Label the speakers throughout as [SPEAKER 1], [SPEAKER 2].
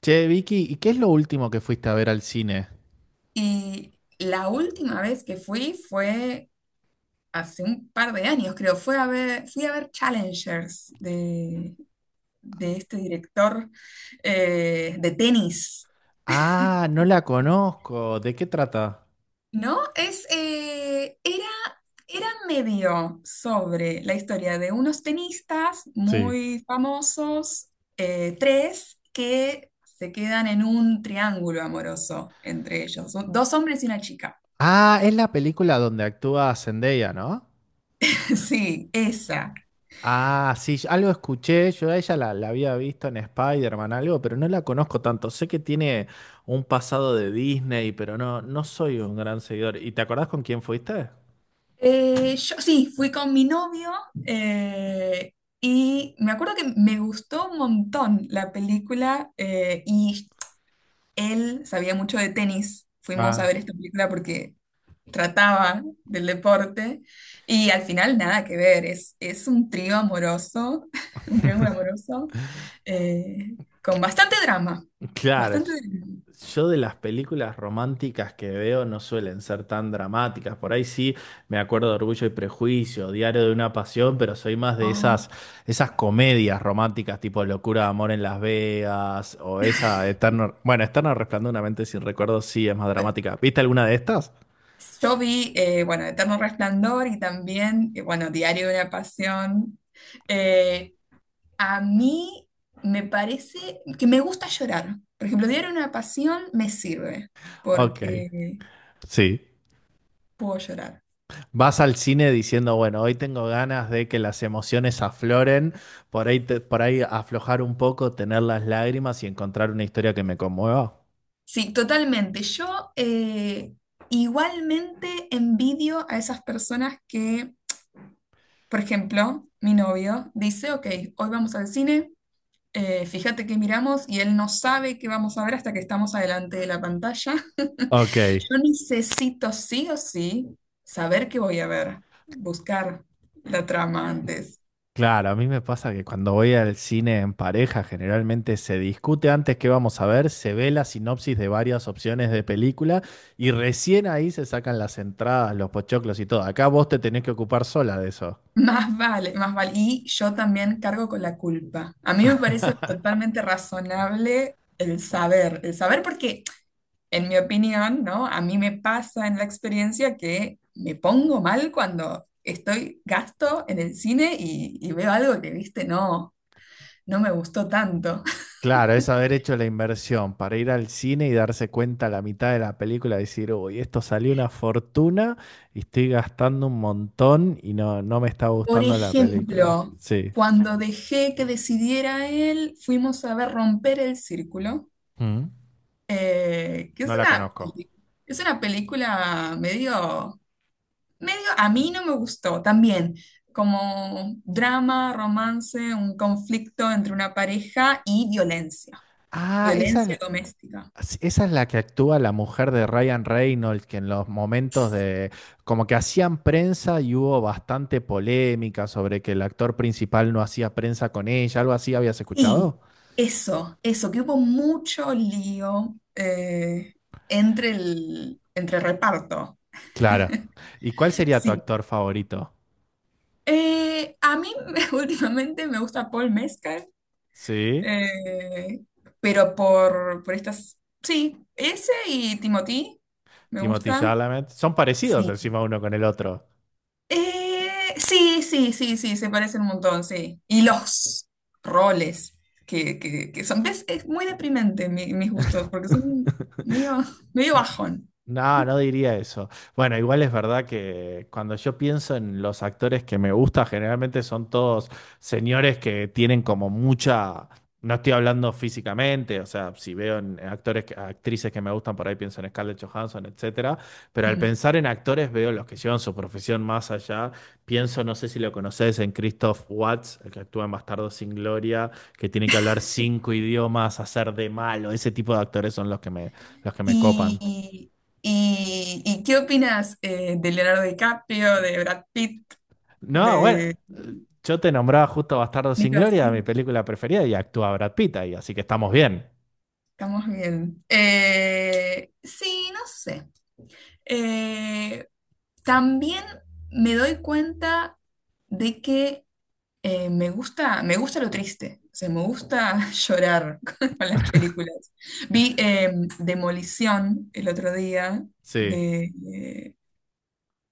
[SPEAKER 1] Che, Vicky, ¿y qué es lo último que fuiste a ver al cine?
[SPEAKER 2] Y la última vez que fui fue hace un par de años, creo. Fui a ver Challengers de este director de tenis,
[SPEAKER 1] Ah, no la conozco. ¿De qué trata?
[SPEAKER 2] ¿no? Era medio sobre la historia de unos tenistas
[SPEAKER 1] Sí.
[SPEAKER 2] muy famosos, tres, que se quedan en un triángulo amoroso entre ellos. Son dos hombres y una chica.
[SPEAKER 1] Ah, es la película donde actúa Zendaya, ¿no?
[SPEAKER 2] Sí, esa.
[SPEAKER 1] Ah, sí, algo escuché. Yo a ella la había visto en Spider-Man, algo, pero no la conozco tanto. Sé que tiene un pasado de Disney, pero no, no soy un gran seguidor. ¿Y te acordás con quién fuiste?
[SPEAKER 2] Yo sí, fui con mi novio eh, y me acuerdo que me gustó un montón la película, y él sabía mucho de tenis. Fuimos a
[SPEAKER 1] Ah.
[SPEAKER 2] ver esta película porque trataba del deporte y al final nada que ver, es un trío amoroso, un triángulo amoroso eh, con bastante drama,
[SPEAKER 1] Claro, yo
[SPEAKER 2] bastante drama.
[SPEAKER 1] yo de las películas románticas que veo no suelen ser tan dramáticas. Por ahí sí me acuerdo de Orgullo y Prejuicio, Diario de una Pasión, pero soy más de esas comedias románticas tipo Locura de Amor en Las Vegas o esa Eterno... Bueno, Eterno Resplandor de una mente sin recuerdos sí es más
[SPEAKER 2] Ah,
[SPEAKER 1] dramática. ¿Viste alguna de estas?
[SPEAKER 2] yo vi, bueno, Eterno Resplandor y también, bueno, Diario de una Pasión. Eh, a mí me parece que me gusta llorar. Por ejemplo, Diario de una Pasión me sirve
[SPEAKER 1] Ok,
[SPEAKER 2] porque
[SPEAKER 1] sí.
[SPEAKER 2] puedo llorar.
[SPEAKER 1] Vas al cine diciendo, bueno, hoy tengo ganas de que las emociones afloren, por ahí, por ahí aflojar un poco, tener las lágrimas y encontrar una historia que me conmueva.
[SPEAKER 2] Sí, totalmente. Yo Igualmente envidio a esas personas que, por ejemplo, mi novio dice, ok, hoy vamos al cine. Fíjate que miramos y él no sabe qué vamos a ver hasta que estamos adelante de la pantalla.
[SPEAKER 1] Ok,
[SPEAKER 2] Yo necesito sí o sí saber qué voy a ver, buscar la trama antes.
[SPEAKER 1] claro, a mí me pasa que cuando voy al cine en pareja, generalmente se discute antes qué vamos a ver, se ve la sinopsis de varias opciones de película y recién ahí se sacan las entradas, los pochoclos y todo. Acá vos te tenés que ocupar sola de eso.
[SPEAKER 2] Más vale, más vale. Y yo también cargo con la culpa. A mí me parece totalmente razonable el saber porque, en mi opinión, ¿no? A mí me pasa en la experiencia que me pongo mal cuando estoy gasto en el cine y veo algo que, viste, no. no me gustó tanto.
[SPEAKER 1] Claro, es haber hecho la inversión para ir al cine y darse cuenta a la mitad de la película, decir, uy, esto salió una fortuna y estoy gastando un montón y no, no me está
[SPEAKER 2] Por
[SPEAKER 1] gustando la película.
[SPEAKER 2] ejemplo,
[SPEAKER 1] Sí.
[SPEAKER 2] cuando dejé que decidiera él, fuimos a ver Romper el Círculo,
[SPEAKER 1] Mm.
[SPEAKER 2] que es
[SPEAKER 1] No la
[SPEAKER 2] una,
[SPEAKER 1] conozco.
[SPEAKER 2] es una película medio, medio, a mí no me gustó también, como drama, romance, un conflicto entre una pareja y violencia,
[SPEAKER 1] Ah,
[SPEAKER 2] violencia
[SPEAKER 1] esa,
[SPEAKER 2] doméstica.
[SPEAKER 1] esa es la que actúa la mujer de Ryan Reynolds, que en los momentos de, como que hacían prensa y hubo bastante polémica sobre que el actor principal no hacía prensa con ella, algo así habías
[SPEAKER 2] Sí,
[SPEAKER 1] escuchado.
[SPEAKER 2] eso, que hubo mucho lío, entre el reparto.
[SPEAKER 1] Claro. ¿Y cuál sería tu
[SPEAKER 2] Sí.
[SPEAKER 1] actor favorito?
[SPEAKER 2] A mí últimamente me gusta Paul Mescal,
[SPEAKER 1] Sí,
[SPEAKER 2] eh, pero por estas... Sí, ese y Timothy me
[SPEAKER 1] Timothée
[SPEAKER 2] gustan.
[SPEAKER 1] Chalamet. Son parecidos
[SPEAKER 2] Sí.
[SPEAKER 1] encima uno con el otro.
[SPEAKER 2] Sí, sí, sí, sí, se parecen un montón, sí. Y los roles que son... ¿Ves? Es muy deprimente mis gustos, porque son medio, medio bajón.
[SPEAKER 1] No, no diría eso. Bueno, igual es verdad que cuando yo pienso en los actores que me gusta, generalmente son todos señores que tienen como mucha... No estoy hablando físicamente, o sea, si veo en actores, actrices que me gustan, por ahí pienso en Scarlett Johansson, etcétera. Pero al
[SPEAKER 2] Mm.
[SPEAKER 1] pensar en actores veo los que llevan su profesión más allá. Pienso, no sé si lo conoces, en Christoph Waltz, el que actúa en Bastardos sin Gloria, que tiene que hablar 5 idiomas, hacer de malo. Ese tipo de actores son los que me copan.
[SPEAKER 2] ¿Y, y qué opinas, de Leonardo DiCaprio, de Brad Pitt,
[SPEAKER 1] No, bueno,
[SPEAKER 2] de
[SPEAKER 1] yo te nombraba justo Bastardo sin
[SPEAKER 2] Nicolas
[SPEAKER 1] Gloria, mi
[SPEAKER 2] Cage?
[SPEAKER 1] película preferida, y actúa Brad Pitt ahí, así que estamos bien.
[SPEAKER 2] Estamos bien. Sí, no sé. Eh, También me doy cuenta de que, me gusta lo triste. O sea, me gusta llorar con las películas. Vi, Demolición el otro día
[SPEAKER 1] Sí.
[SPEAKER 2] de,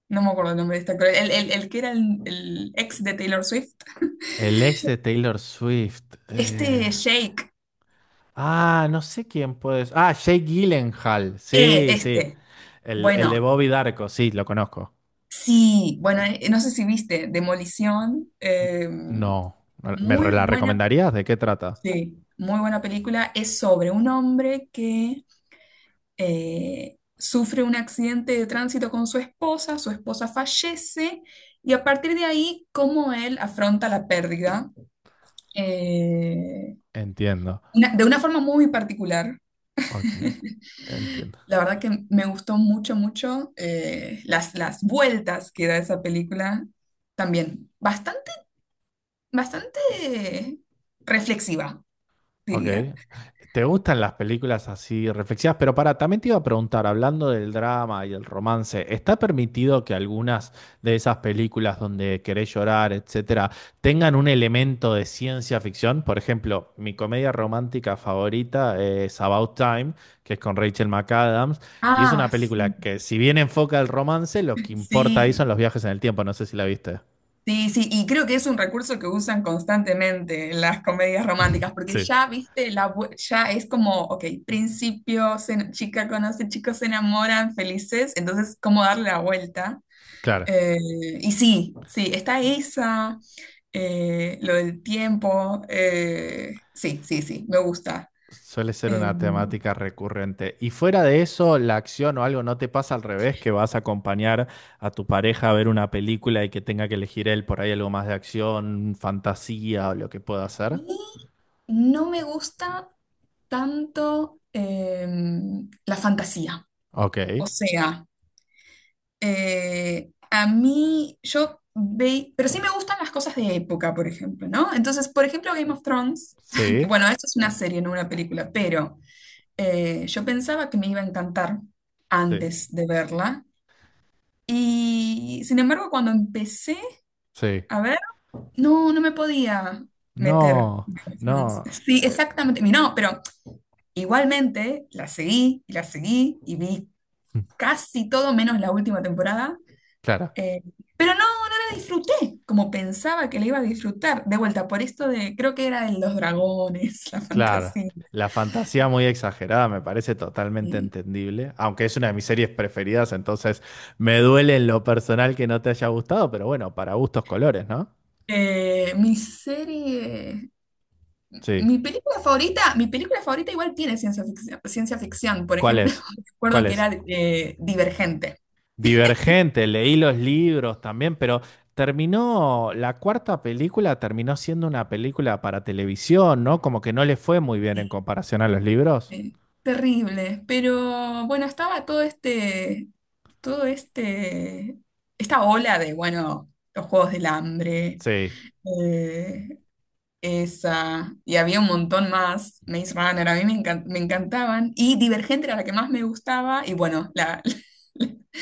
[SPEAKER 2] no me acuerdo el nombre de este actor. El que era el ex de Taylor Swift.
[SPEAKER 1] El ex de Taylor Swift. eh,
[SPEAKER 2] Este Jake.
[SPEAKER 1] Ah, no sé quién puede ser. Ah, Jake Gyllenhaal. Sí, sí.
[SPEAKER 2] Este.
[SPEAKER 1] El de
[SPEAKER 2] Bueno,
[SPEAKER 1] Bobby Darko, sí, lo conozco.
[SPEAKER 2] sí. Bueno, no sé si viste Demolición.
[SPEAKER 1] No. No, ¿
[SPEAKER 2] Muy
[SPEAKER 1] la
[SPEAKER 2] buena.
[SPEAKER 1] recomendarías? ¿De qué trata?
[SPEAKER 2] Sí, muy buena película. Es sobre un hombre que, sufre un accidente de tránsito con su esposa. Su esposa fallece. Y a partir de ahí, cómo él afronta la pérdida. eh,
[SPEAKER 1] Entiendo.
[SPEAKER 2] de una forma muy particular.
[SPEAKER 1] Ok. Entiendo.
[SPEAKER 2] La verdad que me gustó mucho, mucho, las vueltas que da esa película también. Bastante, bastante reflexiva,
[SPEAKER 1] Ok.
[SPEAKER 2] diría.
[SPEAKER 1] ¿Te gustan las películas así reflexivas? Pero para, también te iba a preguntar, hablando del drama y el romance, ¿está permitido que algunas de esas películas donde querés llorar, etcétera, tengan un elemento de ciencia ficción? Por ejemplo, mi comedia romántica favorita es About Time, que es con Rachel McAdams, y es una
[SPEAKER 2] Ah, sí,
[SPEAKER 1] película que, si bien enfoca el romance, lo que importa ahí son
[SPEAKER 2] sí,
[SPEAKER 1] los viajes en el tiempo. No sé si la viste.
[SPEAKER 2] sí, sí, y creo que es un recurso que usan constantemente en las comedias románticas, porque
[SPEAKER 1] Sí,
[SPEAKER 2] ya, viste, la, ya es como, ok, principio, chica conoce, chicos se enamoran, felices, entonces, ¿cómo darle la vuelta?
[SPEAKER 1] claro.
[SPEAKER 2] Eh, y sí, sí, está esa, lo del tiempo, sí, sí, sí, me gusta.
[SPEAKER 1] Suele ser
[SPEAKER 2] Eh,
[SPEAKER 1] una temática recurrente. Y fuera de eso, la acción o algo no te pasa al revés, que vas a acompañar a tu pareja a ver una película y que tenga que elegir él por ahí algo más de acción, fantasía o lo que pueda hacer.
[SPEAKER 2] y no me gusta tanto, la fantasía,
[SPEAKER 1] Ok.
[SPEAKER 2] o sea... A mí, yo ve, pero sí me gustan las cosas de época, por ejemplo, ¿no? Entonces, por ejemplo, Game of Thrones, que
[SPEAKER 1] Sí,
[SPEAKER 2] bueno, esto es una serie, no una película, pero, yo pensaba que me iba a encantar
[SPEAKER 1] sí,
[SPEAKER 2] antes de verla. Y sin embargo, cuando empecé
[SPEAKER 1] sí.
[SPEAKER 2] a ver, no, no me podía meter
[SPEAKER 1] No,
[SPEAKER 2] Game of Thrones.
[SPEAKER 1] no.
[SPEAKER 2] Sí, exactamente. Y no, pero igualmente la seguí y vi
[SPEAKER 1] Mm,
[SPEAKER 2] casi todo menos la última temporada.
[SPEAKER 1] claro,
[SPEAKER 2] Eh, pero no, no la disfruté como pensaba que la iba a disfrutar. De vuelta, por esto de, creo que era de los dragones, la
[SPEAKER 1] claro.
[SPEAKER 2] fantasía.
[SPEAKER 1] La fantasía muy exagerada me parece totalmente
[SPEAKER 2] Sí.
[SPEAKER 1] entendible, aunque es una de mis series preferidas, entonces me duele en lo personal que no te haya gustado, pero bueno, para gustos colores, ¿no?
[SPEAKER 2] Eh, mi serie,
[SPEAKER 1] Sí.
[SPEAKER 2] Mi película favorita, mi película favorita igual tiene ciencia ficción, ciencia ficción. Por
[SPEAKER 1] ¿Cuál
[SPEAKER 2] ejemplo,
[SPEAKER 1] es?
[SPEAKER 2] recuerdo
[SPEAKER 1] ¿Cuál
[SPEAKER 2] que
[SPEAKER 1] es?
[SPEAKER 2] era, Divergente.
[SPEAKER 1] Divergente, leí los libros también, pero terminó, la cuarta película terminó siendo una película para televisión, ¿no? Como que no le fue muy bien en
[SPEAKER 2] Sí.
[SPEAKER 1] comparación a los libros.
[SPEAKER 2] Eh, Terrible, pero bueno, estaba todo este, esta ola de, bueno, los Juegos del Hambre,
[SPEAKER 1] Sí.
[SPEAKER 2] eh, esa, y había un montón más, Maze Runner, a mí me encantaban, y Divergente era la que más me gustaba, y bueno, la,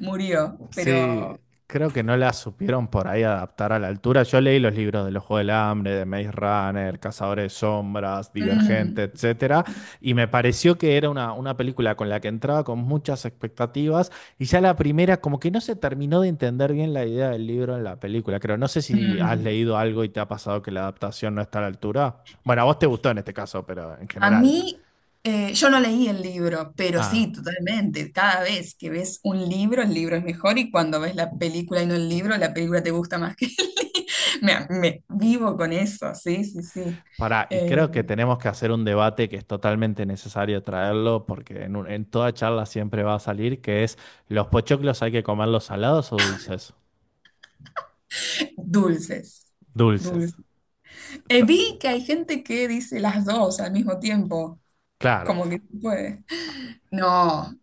[SPEAKER 2] murió,
[SPEAKER 1] Sí,
[SPEAKER 2] pero...
[SPEAKER 1] creo que no la supieron por ahí adaptar a la altura. Yo leí los libros de los Juegos del Hambre, de Maze Runner, Cazadores de Sombras, Divergente,
[SPEAKER 2] Mm,
[SPEAKER 1] etcétera, y me pareció que era una película con la que entraba con muchas expectativas, y ya la primera, como que no se terminó de entender bien la idea del libro en la película. Creo, no sé si has
[SPEAKER 2] mm.
[SPEAKER 1] leído algo y te ha pasado que la adaptación no está a la altura. Bueno, a vos te gustó en este caso, pero en
[SPEAKER 2] A
[SPEAKER 1] general.
[SPEAKER 2] mí, yo no leí el libro, pero sí, totalmente. Cada vez que ves un libro, el libro es mejor y cuando ves la película y no el libro, la película te gusta más que el libro. Me vivo con eso, sí, sí, sí.
[SPEAKER 1] Pará, y
[SPEAKER 2] Eh,
[SPEAKER 1] creo que tenemos que hacer un debate que es totalmente necesario traerlo, porque en, en toda charla siempre va a salir, que es, ¿los pochoclos hay que comerlos salados o dulces?
[SPEAKER 2] Dulces,
[SPEAKER 1] Dulces.
[SPEAKER 2] dulces.
[SPEAKER 1] S- t-
[SPEAKER 2] Vi que hay gente que dice las dos al mismo tiempo,
[SPEAKER 1] Claro.
[SPEAKER 2] como que se puede. No,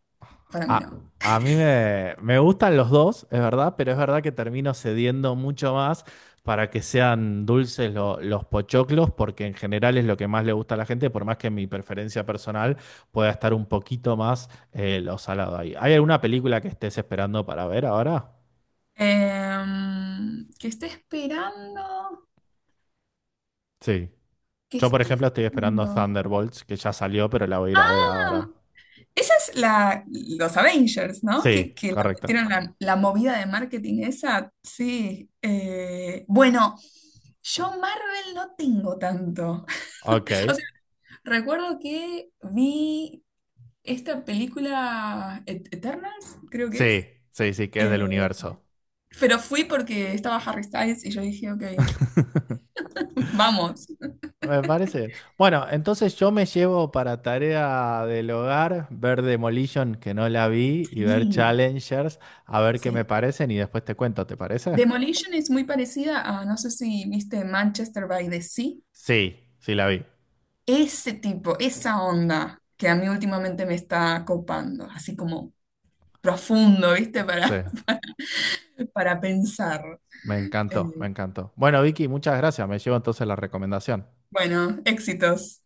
[SPEAKER 2] para mí no.
[SPEAKER 1] A mí me, me gustan los dos, es verdad, pero es verdad que termino cediendo mucho más para que sean dulces los pochoclos, porque en general es lo que más le gusta a la gente, por más que mi preferencia personal pueda estar un poquito más lo salado ahí. ¿Hay alguna película que estés esperando para ver ahora?
[SPEAKER 2] Em, que esté esperando,
[SPEAKER 1] Sí.
[SPEAKER 2] que
[SPEAKER 1] Yo, por
[SPEAKER 2] esté
[SPEAKER 1] ejemplo, estoy esperando
[SPEAKER 2] esperando.
[SPEAKER 1] Thunderbolts, que ya salió, pero la voy a ir a ver
[SPEAKER 2] Ah,
[SPEAKER 1] ahora.
[SPEAKER 2] esa es la, los Avengers, ¿no?
[SPEAKER 1] Sí,
[SPEAKER 2] Que la
[SPEAKER 1] correcto.
[SPEAKER 2] metieron la, la movida de marketing esa, sí. Bueno, yo Marvel no tengo tanto.
[SPEAKER 1] Ok.
[SPEAKER 2] O sea, recuerdo que vi esta película Eternals, creo que
[SPEAKER 1] Sí,
[SPEAKER 2] es.
[SPEAKER 1] sí, sí, que es
[SPEAKER 2] Eh,
[SPEAKER 1] del universo.
[SPEAKER 2] pero fui porque estaba Harry Styles y yo dije, ok, vamos.
[SPEAKER 1] Me parece bien. Bueno, entonces yo me llevo para tarea del hogar ver Demolition, que no la vi, y ver
[SPEAKER 2] Sí.
[SPEAKER 1] Challengers, a ver qué me
[SPEAKER 2] Sí.
[SPEAKER 1] parecen y después te cuento, ¿te parece?
[SPEAKER 2] Demolition es muy parecida a, no sé si viste Manchester by the Sea,
[SPEAKER 1] Sí, sí la vi.
[SPEAKER 2] ese tipo, esa onda que a mí últimamente me está copando, así como profundo, ¿viste?
[SPEAKER 1] Sí,
[SPEAKER 2] Para, para pensar.
[SPEAKER 1] me encantó,
[SPEAKER 2] Eh,
[SPEAKER 1] me encantó. Bueno, Vicky, muchas gracias. Me llevo entonces la recomendación.
[SPEAKER 2] bueno, éxitos.